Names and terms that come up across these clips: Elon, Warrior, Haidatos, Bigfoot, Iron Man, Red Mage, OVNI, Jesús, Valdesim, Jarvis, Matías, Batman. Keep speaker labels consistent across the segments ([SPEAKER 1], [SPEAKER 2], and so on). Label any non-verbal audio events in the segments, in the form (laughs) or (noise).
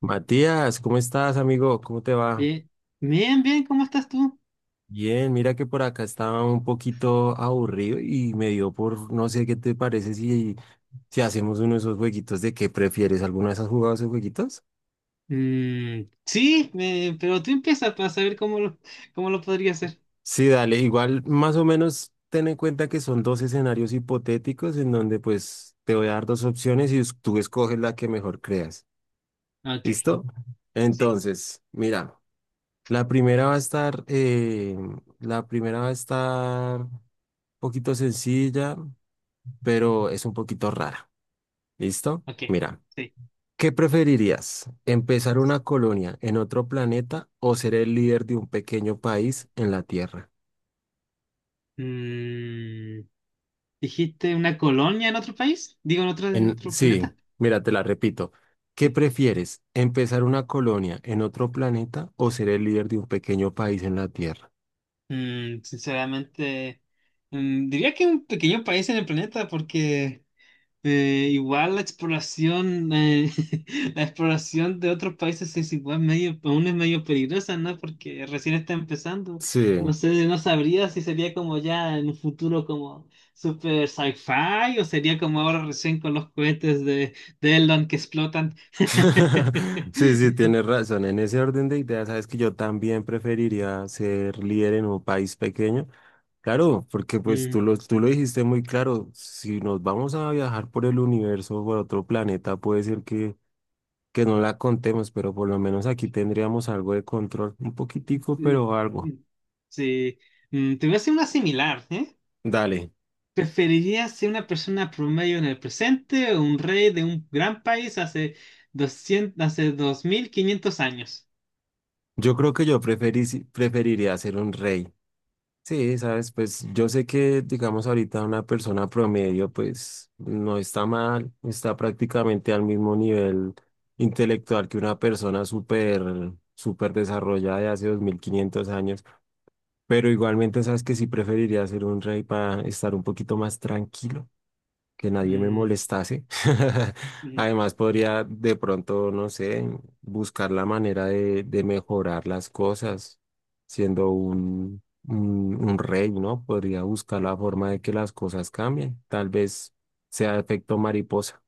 [SPEAKER 1] Matías, ¿cómo estás, amigo? ¿Cómo te va?
[SPEAKER 2] Bien, bien, bien, ¿cómo estás tú?
[SPEAKER 1] Bien, mira que por acá estaba un poquito aburrido y me dio no sé qué te parece si hacemos uno de esos jueguitos de qué prefieres. ¿Alguna vez has jugado esos jueguitos?
[SPEAKER 2] Mm, sí, pero tú empieza para saber cómo lo podría hacer.
[SPEAKER 1] Sí, dale, igual más o menos ten en cuenta que son dos escenarios hipotéticos en donde pues te voy a dar dos opciones y tú escoges la que mejor creas.
[SPEAKER 2] Ok,
[SPEAKER 1] ¿Listo?
[SPEAKER 2] sí,
[SPEAKER 1] Entonces, mira, la primera va a estar, eh, la primera va a estar un poquito sencilla, pero es un poquito rara. ¿Listo?
[SPEAKER 2] ok,
[SPEAKER 1] Mira,
[SPEAKER 2] sí.
[SPEAKER 1] ¿qué preferirías? ¿Empezar una colonia en otro planeta o ser el líder de un pequeño país en la Tierra?
[SPEAKER 2] Mm, ¿Dijiste una colonia en otro país? Digo, en otro, en otro
[SPEAKER 1] Sí,
[SPEAKER 2] planeta.
[SPEAKER 1] mira, te la repito. ¿Qué
[SPEAKER 2] Sí.
[SPEAKER 1] prefieres? ¿Empezar una colonia en otro planeta o ser el líder de un pequeño país en la Tierra?
[SPEAKER 2] Sinceramente, diría que un pequeño país en el planeta porque. Igual (laughs) la exploración de otros países es igual medio, aún es medio peligrosa, ¿no? Porque recién está empezando.
[SPEAKER 1] Sí.
[SPEAKER 2] No sé, no sabría si sería como ya en un futuro como super sci-fi o sería como ahora recién con los cohetes de, Elon que explotan.
[SPEAKER 1] (laughs) Sí, sí,
[SPEAKER 2] (laughs)
[SPEAKER 1] tienes razón. En ese orden de ideas, sabes que yo también preferiría ser líder en un país pequeño. Claro, porque pues tú
[SPEAKER 2] Mm,
[SPEAKER 1] lo, tú lo dijiste muy claro, si nos vamos a viajar por el universo o por otro planeta, puede ser que no la contemos, pero por lo menos aquí tendríamos algo de control, un poquitico,
[SPEAKER 2] sí,
[SPEAKER 1] pero
[SPEAKER 2] mm,
[SPEAKER 1] algo.
[SPEAKER 2] sí. Te voy a hacer una similar, ¿eh?
[SPEAKER 1] Dale,
[SPEAKER 2] ¿Preferirías ser una persona promedio en el presente o un rey de un gran país hace 2500 años?
[SPEAKER 1] yo creo que yo preferiría ser un rey. Sí, sabes, pues yo sé que, digamos, ahorita una persona promedio, pues no está mal, está prácticamente al mismo nivel intelectual que una persona súper, súper desarrollada de hace 2500 años, pero igualmente sabes que sí preferiría ser un rey para estar un poquito más tranquilo que nadie me
[SPEAKER 2] Mm,
[SPEAKER 1] molestase. (laughs)
[SPEAKER 2] mm,
[SPEAKER 1] Además, podría de pronto, no sé, buscar la manera de mejorar las cosas, siendo un rey, ¿no? Podría buscar la forma de que las cosas cambien. Tal vez sea efecto mariposa.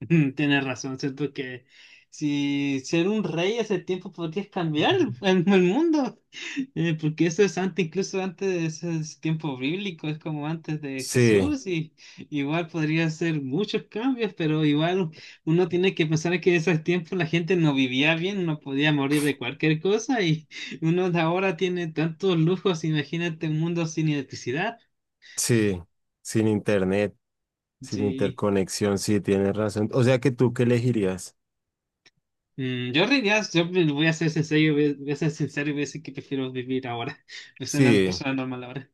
[SPEAKER 2] (laughs) tienes razón, siento que si ser un rey hace tiempo podrías cambiar el mundo. Porque eso es antes, incluso antes de ese tiempo bíblico, es como antes de
[SPEAKER 1] Sí,
[SPEAKER 2] Jesús, y igual podría hacer muchos cambios, pero igual uno tiene que pensar que en ese tiempo la gente no vivía bien, no podía morir de cualquier cosa, y (laughs) uno de ahora tiene tantos lujos, imagínate un mundo sin electricidad.
[SPEAKER 1] sí, sin internet, sin
[SPEAKER 2] Sí.
[SPEAKER 1] interconexión, sí, tienes razón. O sea que tú, ¿qué elegirías?
[SPEAKER 2] Yo realidad, voy a ser sincero, voy a ser sincero y voy a decir que prefiero vivir ahora, (laughs) ser una
[SPEAKER 1] Sí.
[SPEAKER 2] persona normal ahora.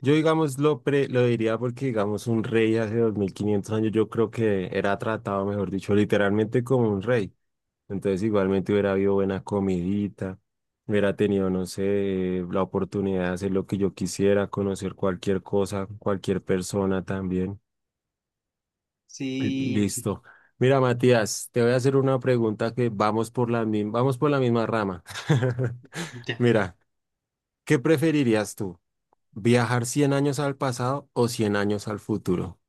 [SPEAKER 1] Yo, digamos, lo diría porque, digamos, un rey hace 2500 años yo creo que era tratado, mejor dicho, literalmente como un rey. Entonces, igualmente hubiera habido buena comidita, hubiera tenido, no sé, la oportunidad de hacer lo que yo quisiera, conocer cualquier cosa, cualquier persona también. (clears throat)
[SPEAKER 2] Sí,
[SPEAKER 1] Listo. Mira, Matías, te voy a hacer una pregunta que vamos por vamos por la misma rama. (laughs)
[SPEAKER 2] ya.
[SPEAKER 1] Mira, ¿qué preferirías tú? ¿Viajar 100 años al pasado o 100 años al futuro?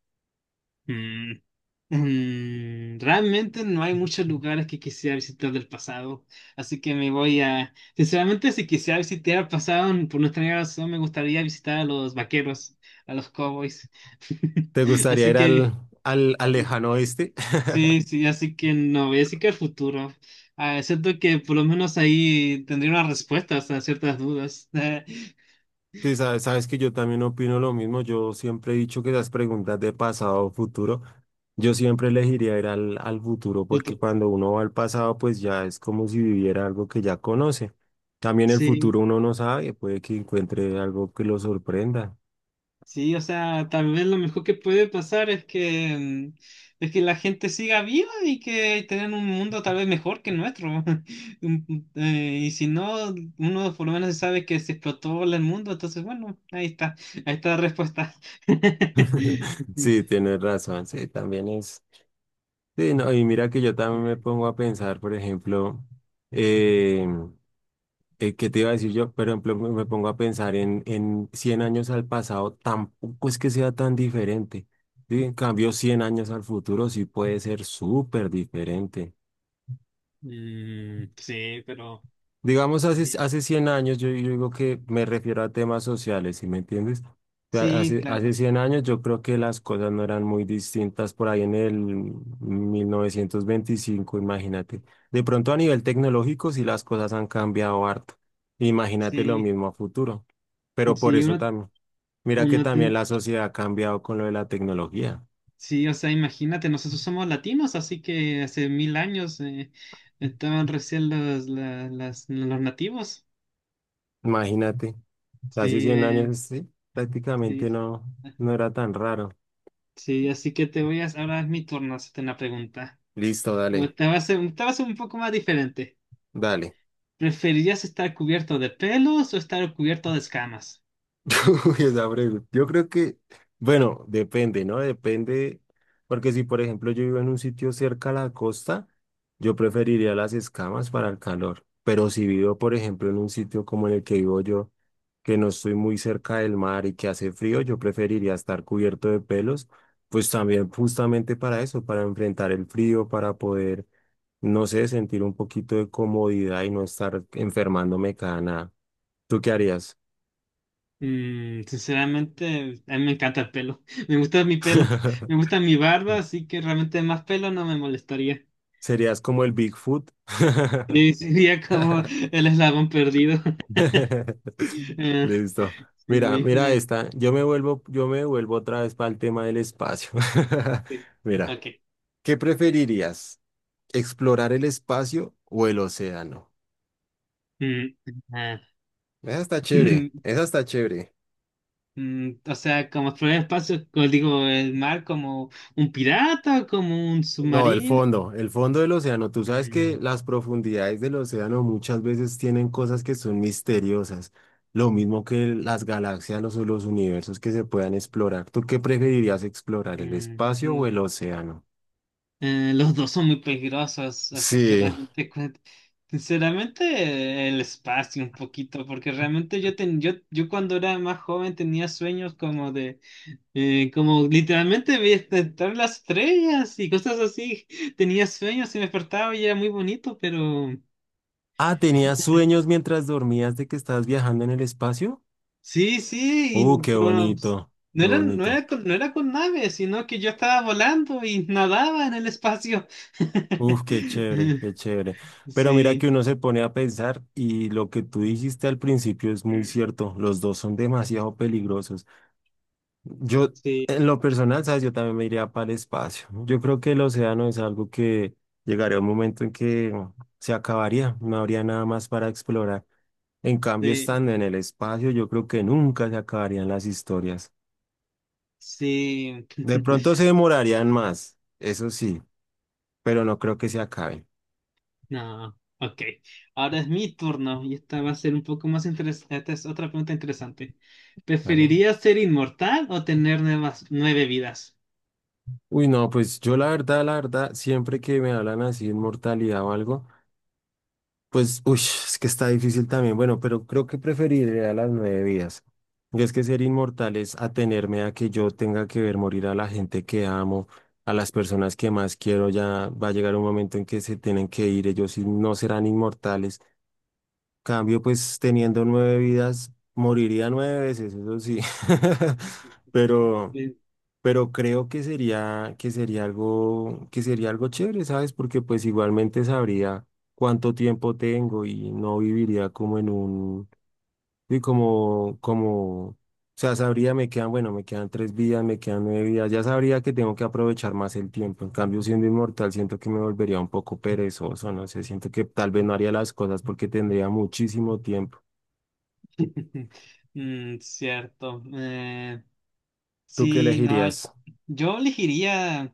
[SPEAKER 2] Mm. Realmente no hay muchos lugares que quisiera visitar del pasado, así que sinceramente, si quisiera visitar el pasado, por nuestra razón, me gustaría visitar a los vaqueros, a los cowboys. (laughs)
[SPEAKER 1] ¿Te gustaría
[SPEAKER 2] Así
[SPEAKER 1] ir
[SPEAKER 2] que,
[SPEAKER 1] al lejano oeste? (laughs)
[SPEAKER 2] sí, sí, así que no, voy a decir que el futuro. Ah, siento que por lo menos ahí tendría unas respuestas a ciertas dudas. (laughs)
[SPEAKER 1] Sí, sabes, sabes que yo también opino lo mismo. Yo siempre he dicho que las preguntas de pasado o futuro, yo siempre elegiría ir al futuro porque
[SPEAKER 2] futuro.
[SPEAKER 1] cuando uno va al pasado, pues ya es como si viviera algo que ya conoce. También el
[SPEAKER 2] Sí.
[SPEAKER 1] futuro uno no sabe, puede que encuentre algo que lo sorprenda.
[SPEAKER 2] Sí, o sea, tal vez lo mejor que puede pasar es que, es que la gente siga viva y que tengan un mundo tal vez mejor que el nuestro. (laughs) Y si no, uno por lo menos sabe que se explotó el mundo, entonces bueno, ahí está la respuesta.
[SPEAKER 1] (laughs)
[SPEAKER 2] (laughs)
[SPEAKER 1] Sí, tienes razón, sí, también es. Sí, no, y mira que yo también me
[SPEAKER 2] Mm,
[SPEAKER 1] pongo a pensar, por ejemplo, eh, ¿qué te iba a decir yo? Por ejemplo, me pongo a pensar en 100 años al pasado, tampoco es que sea tan diferente. ¿Sí? En cambio, 100 años al futuro sí puede ser súper diferente.
[SPEAKER 2] mm, sí, pero
[SPEAKER 1] Digamos,
[SPEAKER 2] sí,
[SPEAKER 1] hace 100 años, yo digo que me refiero a temas sociales, ¿sí me entiendes? O sea,
[SPEAKER 2] sí,
[SPEAKER 1] Hace
[SPEAKER 2] claro,
[SPEAKER 1] 100 años yo creo que las cosas no eran muy distintas por ahí en el 1925, imagínate. De pronto a nivel tecnológico sí las cosas han cambiado harto. Imagínate lo
[SPEAKER 2] sí,
[SPEAKER 1] mismo a futuro. Pero por
[SPEAKER 2] sí,
[SPEAKER 1] eso
[SPEAKER 2] uno,
[SPEAKER 1] también, mira que
[SPEAKER 2] uno
[SPEAKER 1] también la sociedad ha cambiado con lo de la tecnología.
[SPEAKER 2] Sí, o sea, imagínate, nosotros somos latinos, así que hace mil años estaban recién los nativos.
[SPEAKER 1] Imagínate, hace
[SPEAKER 2] Sí,
[SPEAKER 1] 100 años sí, prácticamente
[SPEAKER 2] sí,
[SPEAKER 1] no, no era tan raro.
[SPEAKER 2] sí, así que ahora es mi turno hacerte una pregunta.
[SPEAKER 1] Listo,
[SPEAKER 2] O
[SPEAKER 1] dale,
[SPEAKER 2] te va a ser un poco más diferente.
[SPEAKER 1] dale.
[SPEAKER 2] ¿Preferirías estar cubierto de pelos o estar cubierto de escamas?
[SPEAKER 1] Uy, esa pregunta. Yo creo que, bueno, depende, ¿no? Depende, porque si por ejemplo yo vivo en un sitio cerca a la costa, yo preferiría las escamas para el calor. Pero si vivo, por ejemplo, en un sitio como en el que vivo yo, que no estoy muy cerca del mar y que hace frío, yo preferiría estar cubierto de pelos, pues también justamente para eso, para enfrentar el frío, para poder, no sé, sentir un poquito de comodidad y no estar enfermándome cada nada. ¿Tú qué harías?
[SPEAKER 2] Sinceramente, a mí me encanta el pelo. (laughs) Me gusta mi pelo. Me
[SPEAKER 1] (laughs)
[SPEAKER 2] gusta mi barba, así que realmente más pelo no me molestaría.
[SPEAKER 1] Serías como el Bigfoot. (laughs)
[SPEAKER 2] Sí, sería como el eslabón perdido. (laughs) Eh,
[SPEAKER 1] Listo. Mira,
[SPEAKER 2] sí,
[SPEAKER 1] mira esta. Yo me vuelvo otra vez para el tema del espacio.
[SPEAKER 2] sí.
[SPEAKER 1] (laughs) Mira,
[SPEAKER 2] Ok.
[SPEAKER 1] ¿qué preferirías? ¿Explorar el espacio o el océano?
[SPEAKER 2] Mm, ah.
[SPEAKER 1] Esa está chévere, esa
[SPEAKER 2] (laughs)
[SPEAKER 1] está chévere.
[SPEAKER 2] O sea, como explorar el espacio, como digo, el mar como un pirata, como un
[SPEAKER 1] No,
[SPEAKER 2] submarino.
[SPEAKER 1] el fondo del océano. Tú sabes que
[SPEAKER 2] Mm,
[SPEAKER 1] las profundidades del océano muchas veces tienen cosas que son misteriosas, lo mismo que las galaxias o los universos que se puedan explorar. ¿Tú qué preferirías explorar, el
[SPEAKER 2] mm,
[SPEAKER 1] espacio
[SPEAKER 2] mm.
[SPEAKER 1] o el océano?
[SPEAKER 2] Los dos son muy peligrosos, así que
[SPEAKER 1] Sí.
[SPEAKER 2] realmente, sinceramente, el espacio un poquito, porque realmente yo cuando era más joven tenía sueños como de. Como literalmente vi estar las estrellas y cosas así. (laughs) Tenía sueños y me despertaba y era muy bonito, pero
[SPEAKER 1] Ah, ¿tenías sueños mientras dormías de que estabas viajando en el espacio?
[SPEAKER 2] sí, sí,
[SPEAKER 1] Qué
[SPEAKER 2] pero bueno, pues,
[SPEAKER 1] bonito, qué bonito.
[SPEAKER 2] no era con naves, sino que yo estaba volando y nadaba en el espacio. (laughs)
[SPEAKER 1] Uf, qué chévere, qué chévere. Pero mira que
[SPEAKER 2] Sí.
[SPEAKER 1] uno se pone a pensar y lo que tú dijiste al principio es muy cierto. Los dos son demasiado peligrosos. Yo,
[SPEAKER 2] Sí,
[SPEAKER 1] en lo personal, sabes, yo también me iría para el espacio. Yo creo que el océano es algo que llegaría un momento en que se acabaría. No habría nada más para explorar. En cambio,
[SPEAKER 2] sí,
[SPEAKER 1] estando en el espacio, yo creo que nunca se acabarían las historias.
[SPEAKER 2] sí.
[SPEAKER 1] De
[SPEAKER 2] (laughs)
[SPEAKER 1] pronto se demorarían más, eso sí, pero no creo que se acaben.
[SPEAKER 2] No, ok. Ahora es mi turno y esta va a ser un poco más interesante. Esta es otra pregunta interesante.
[SPEAKER 1] ¿Vale?
[SPEAKER 2] ¿Preferirías ser inmortal o tener nuevas nueve vidas?
[SPEAKER 1] Uy, no, pues yo la verdad, siempre que me hablan así de inmortalidad o algo, pues, uy, es que está difícil también. Bueno, pero creo que preferiría las nueve vidas. Y es que ser inmortal es atenerme a que yo tenga que ver morir a la gente que amo, a las personas que más quiero. Ya va a llegar un momento en que se tienen que ir, ellos sí no serán inmortales. Cambio, pues teniendo nueve vidas, moriría nueve veces, eso sí. (laughs) Pero
[SPEAKER 2] Eh,
[SPEAKER 1] pero creo que sería algo chévere, ¿sabes? Porque pues igualmente sabría cuánto tiempo tengo y no viviría como en un, y como, como, o sea, sabría, me quedan, bueno, me quedan tres vidas, me quedan nueve vidas, ya sabría que tengo que aprovechar más el tiempo. En cambio, siendo inmortal, siento que me volvería un poco perezoso, no sé, siento que tal vez no haría las cosas porque tendría muchísimo tiempo.
[SPEAKER 2] (laughs) mm, cierto. Eh,
[SPEAKER 1] ¿Tú qué
[SPEAKER 2] sí, no.
[SPEAKER 1] elegirías?
[SPEAKER 2] Yo elegiría,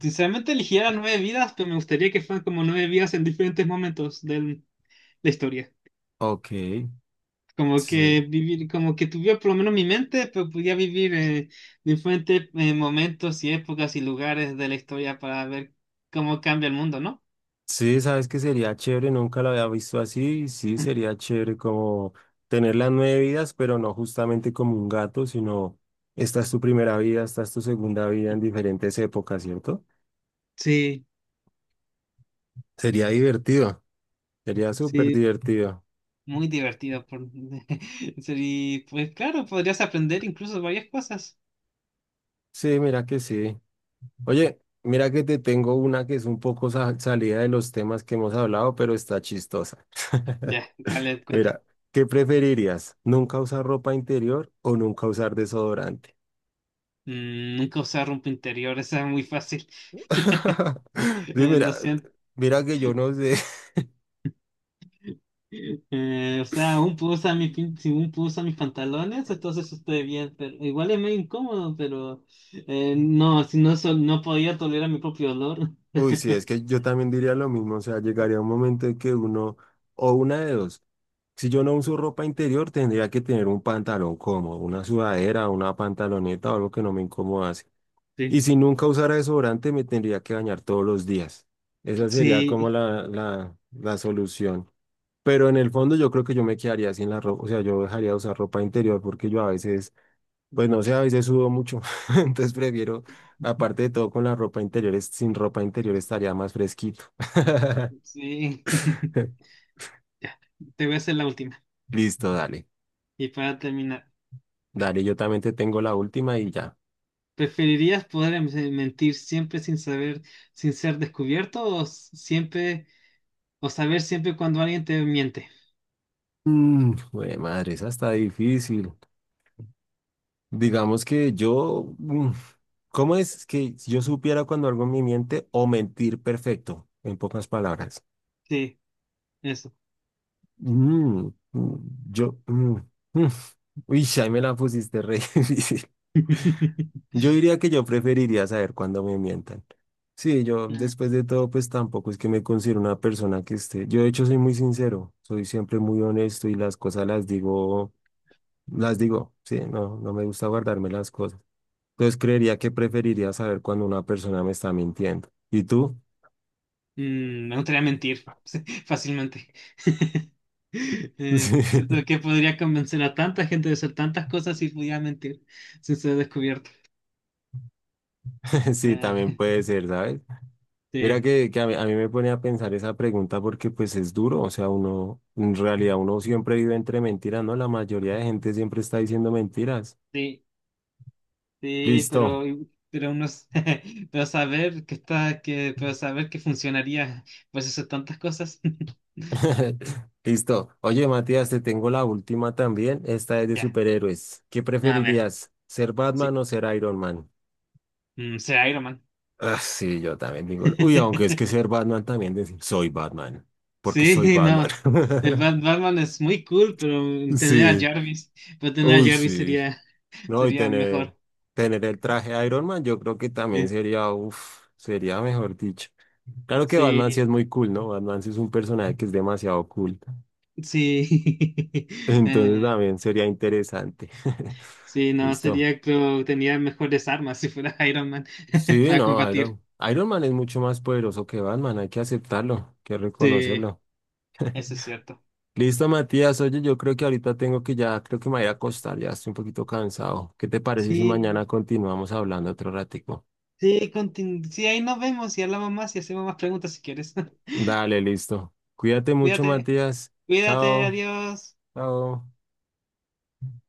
[SPEAKER 2] sinceramente elegiría nueve vidas, pero me gustaría que fueran como nueve vidas en diferentes momentos de la historia.
[SPEAKER 1] Ok,
[SPEAKER 2] Como
[SPEAKER 1] sí.
[SPEAKER 2] que vivir, como que tuviera por lo menos mi mente, pero podía vivir diferentes momentos y épocas y lugares de la historia para ver cómo cambia el mundo, ¿no?
[SPEAKER 1] Sí, sabes que sería chévere, nunca lo había visto así, sí, sería chévere como tener las nueve vidas, pero no justamente como un gato, sino esta es tu primera vida, esta es tu segunda vida en diferentes épocas, ¿cierto?
[SPEAKER 2] Sí,
[SPEAKER 1] Sería divertido, sería súper
[SPEAKER 2] sí,
[SPEAKER 1] divertido.
[SPEAKER 2] Muy divertido. (laughs) Y pues claro, podrías aprender incluso varias cosas.
[SPEAKER 1] Sí, mira que sí. Oye, mira que te tengo una que es un poco salida de los temas que hemos hablado, pero está chistosa. (laughs)
[SPEAKER 2] Ya, ¿cuál es cuenta?
[SPEAKER 1] Mira, ¿qué preferirías? ¿Nunca usar ropa interior o nunca usar desodorante?
[SPEAKER 2] Nunca usar ropa interior, (laughs) esa es muy fácil. (laughs)
[SPEAKER 1] (laughs) Sí,
[SPEAKER 2] Eh,
[SPEAKER 1] mira,
[SPEAKER 2] lo siento.
[SPEAKER 1] mira que yo no sé. (laughs)
[SPEAKER 2] O sea, un puedo usar mis, pin- si un puedo usar mis pantalones, entonces estoy bien, pero igual es medio incómodo, pero no, si no, no podía tolerar mi propio olor.
[SPEAKER 1] Uy, sí, es
[SPEAKER 2] (laughs)
[SPEAKER 1] que yo también diría lo mismo. O sea, llegaría un momento en que uno, o una de dos. Si yo no uso ropa interior, tendría que tener un pantalón cómodo, una sudadera, una pantaloneta o algo que no me incomodase. Y
[SPEAKER 2] Sí.
[SPEAKER 1] si nunca usara desodorante, me tendría que bañar todos los días. Esa sería como
[SPEAKER 2] Sí,
[SPEAKER 1] la solución. Pero en el fondo yo creo que yo me quedaría sin la ropa, o sea, yo dejaría de usar ropa interior porque yo a veces pues no
[SPEAKER 2] Mm.
[SPEAKER 1] sé, a veces sudo mucho, (laughs) entonces prefiero, aparte de todo, con la ropa interior, sin ropa interior estaría más fresquito. (laughs)
[SPEAKER 2] sí. (laughs) Ya, te voy a hacer la última.
[SPEAKER 1] Listo, dale,
[SPEAKER 2] Y para terminar,
[SPEAKER 1] dale, yo también te tengo la última y ya.
[SPEAKER 2] ¿preferirías poder mentir siempre sin ser descubierto o saber siempre cuando alguien te miente?
[SPEAKER 1] Mm, jue madre, esa está difícil. Digamos que ¿cómo es que yo supiera cuando algo me miente o mentir perfecto, en pocas palabras?
[SPEAKER 2] Sí, eso.
[SPEAKER 1] Mm, mm, yo, mm, mm. Uy, ahí me la pusiste re (laughs) difícil.
[SPEAKER 2] (laughs)
[SPEAKER 1] Yo diría que yo preferiría saber cuándo me mientan. Sí, yo después
[SPEAKER 2] (laughs)
[SPEAKER 1] de todo, pues tampoco es que me considero una persona que esté. Yo de hecho soy muy sincero, soy siempre muy honesto y las cosas las digo, sí, no, no me gusta guardarme las cosas. Entonces creería que preferiría saber cuando una persona me está mintiendo. ¿Y tú?
[SPEAKER 2] Me gustaría mentir (laughs) fácilmente. (laughs) Siento
[SPEAKER 1] (laughs) Sí,
[SPEAKER 2] que podría convencer a tanta gente de hacer tantas cosas si pudiera mentir sin ser descubierto.
[SPEAKER 1] (laughs) sí,
[SPEAKER 2] Nah,
[SPEAKER 1] también puede ser, ¿sabes?
[SPEAKER 2] (laughs)
[SPEAKER 1] Mira
[SPEAKER 2] sí,
[SPEAKER 1] que a mí me pone a pensar esa pregunta porque pues es duro, o sea, uno, en realidad uno siempre vive entre mentiras, ¿no? La mayoría de gente siempre está diciendo mentiras.
[SPEAKER 2] sí, sí,
[SPEAKER 1] Listo,
[SPEAKER 2] pero uno, (laughs) pero saber que funcionaría pues hacer tantas cosas. (laughs)
[SPEAKER 1] (laughs) listo. Oye, Matías, te tengo la última también, esta es de
[SPEAKER 2] Ya,
[SPEAKER 1] superhéroes. ¿Qué
[SPEAKER 2] a ver,
[SPEAKER 1] preferirías, ser Batman
[SPEAKER 2] sí,
[SPEAKER 1] o ser Iron Man?
[SPEAKER 2] será Iron Man.
[SPEAKER 1] Ah, sí, yo también digo, uy, aunque es que ser
[SPEAKER 2] (laughs)
[SPEAKER 1] Batman también decir, soy Batman, porque soy
[SPEAKER 2] Sí,
[SPEAKER 1] Batman.
[SPEAKER 2] no. El
[SPEAKER 1] (laughs)
[SPEAKER 2] Batman es muy cool, pero tener a
[SPEAKER 1] Sí,
[SPEAKER 2] Jarvis, pero tener a
[SPEAKER 1] uy,
[SPEAKER 2] Jarvis
[SPEAKER 1] sí.
[SPEAKER 2] sería
[SPEAKER 1] No, y
[SPEAKER 2] Sería Mejor.
[SPEAKER 1] tener el traje Iron Man, yo creo que también
[SPEAKER 2] Sí.
[SPEAKER 1] sería, uff, sería mejor dicho. Claro que Batman sí
[SPEAKER 2] Sí,
[SPEAKER 1] es muy cool, ¿no? Batman sí es un personaje que es demasiado cool. (laughs)
[SPEAKER 2] sí. (laughs)
[SPEAKER 1] Entonces
[SPEAKER 2] Eh,
[SPEAKER 1] también sería interesante. (laughs)
[SPEAKER 2] sí, no,
[SPEAKER 1] Listo.
[SPEAKER 2] sería, creo, tenía mejores armas si fuera (laughs) Iron Man (laughs)
[SPEAKER 1] Sí,
[SPEAKER 2] para
[SPEAKER 1] no,
[SPEAKER 2] combatir.
[SPEAKER 1] Iron Man es mucho más poderoso que Batman, hay que aceptarlo, hay que
[SPEAKER 2] Sí,
[SPEAKER 1] reconocerlo.
[SPEAKER 2] eso es cierto.
[SPEAKER 1] Listo, Matías, oye, yo creo que ahorita tengo que ya, creo que me voy a acostar, ya estoy un poquito cansado. ¿Qué te parece si
[SPEAKER 2] Sí,
[SPEAKER 1] mañana continuamos hablando otro ratico?
[SPEAKER 2] sí, sí, ahí nos vemos y hablamos más y hacemos más preguntas si quieres. (laughs)
[SPEAKER 1] Dale, listo. Cuídate mucho,
[SPEAKER 2] Cuídate,
[SPEAKER 1] Matías.
[SPEAKER 2] cuídate,
[SPEAKER 1] Chao,
[SPEAKER 2] adiós.
[SPEAKER 1] chao.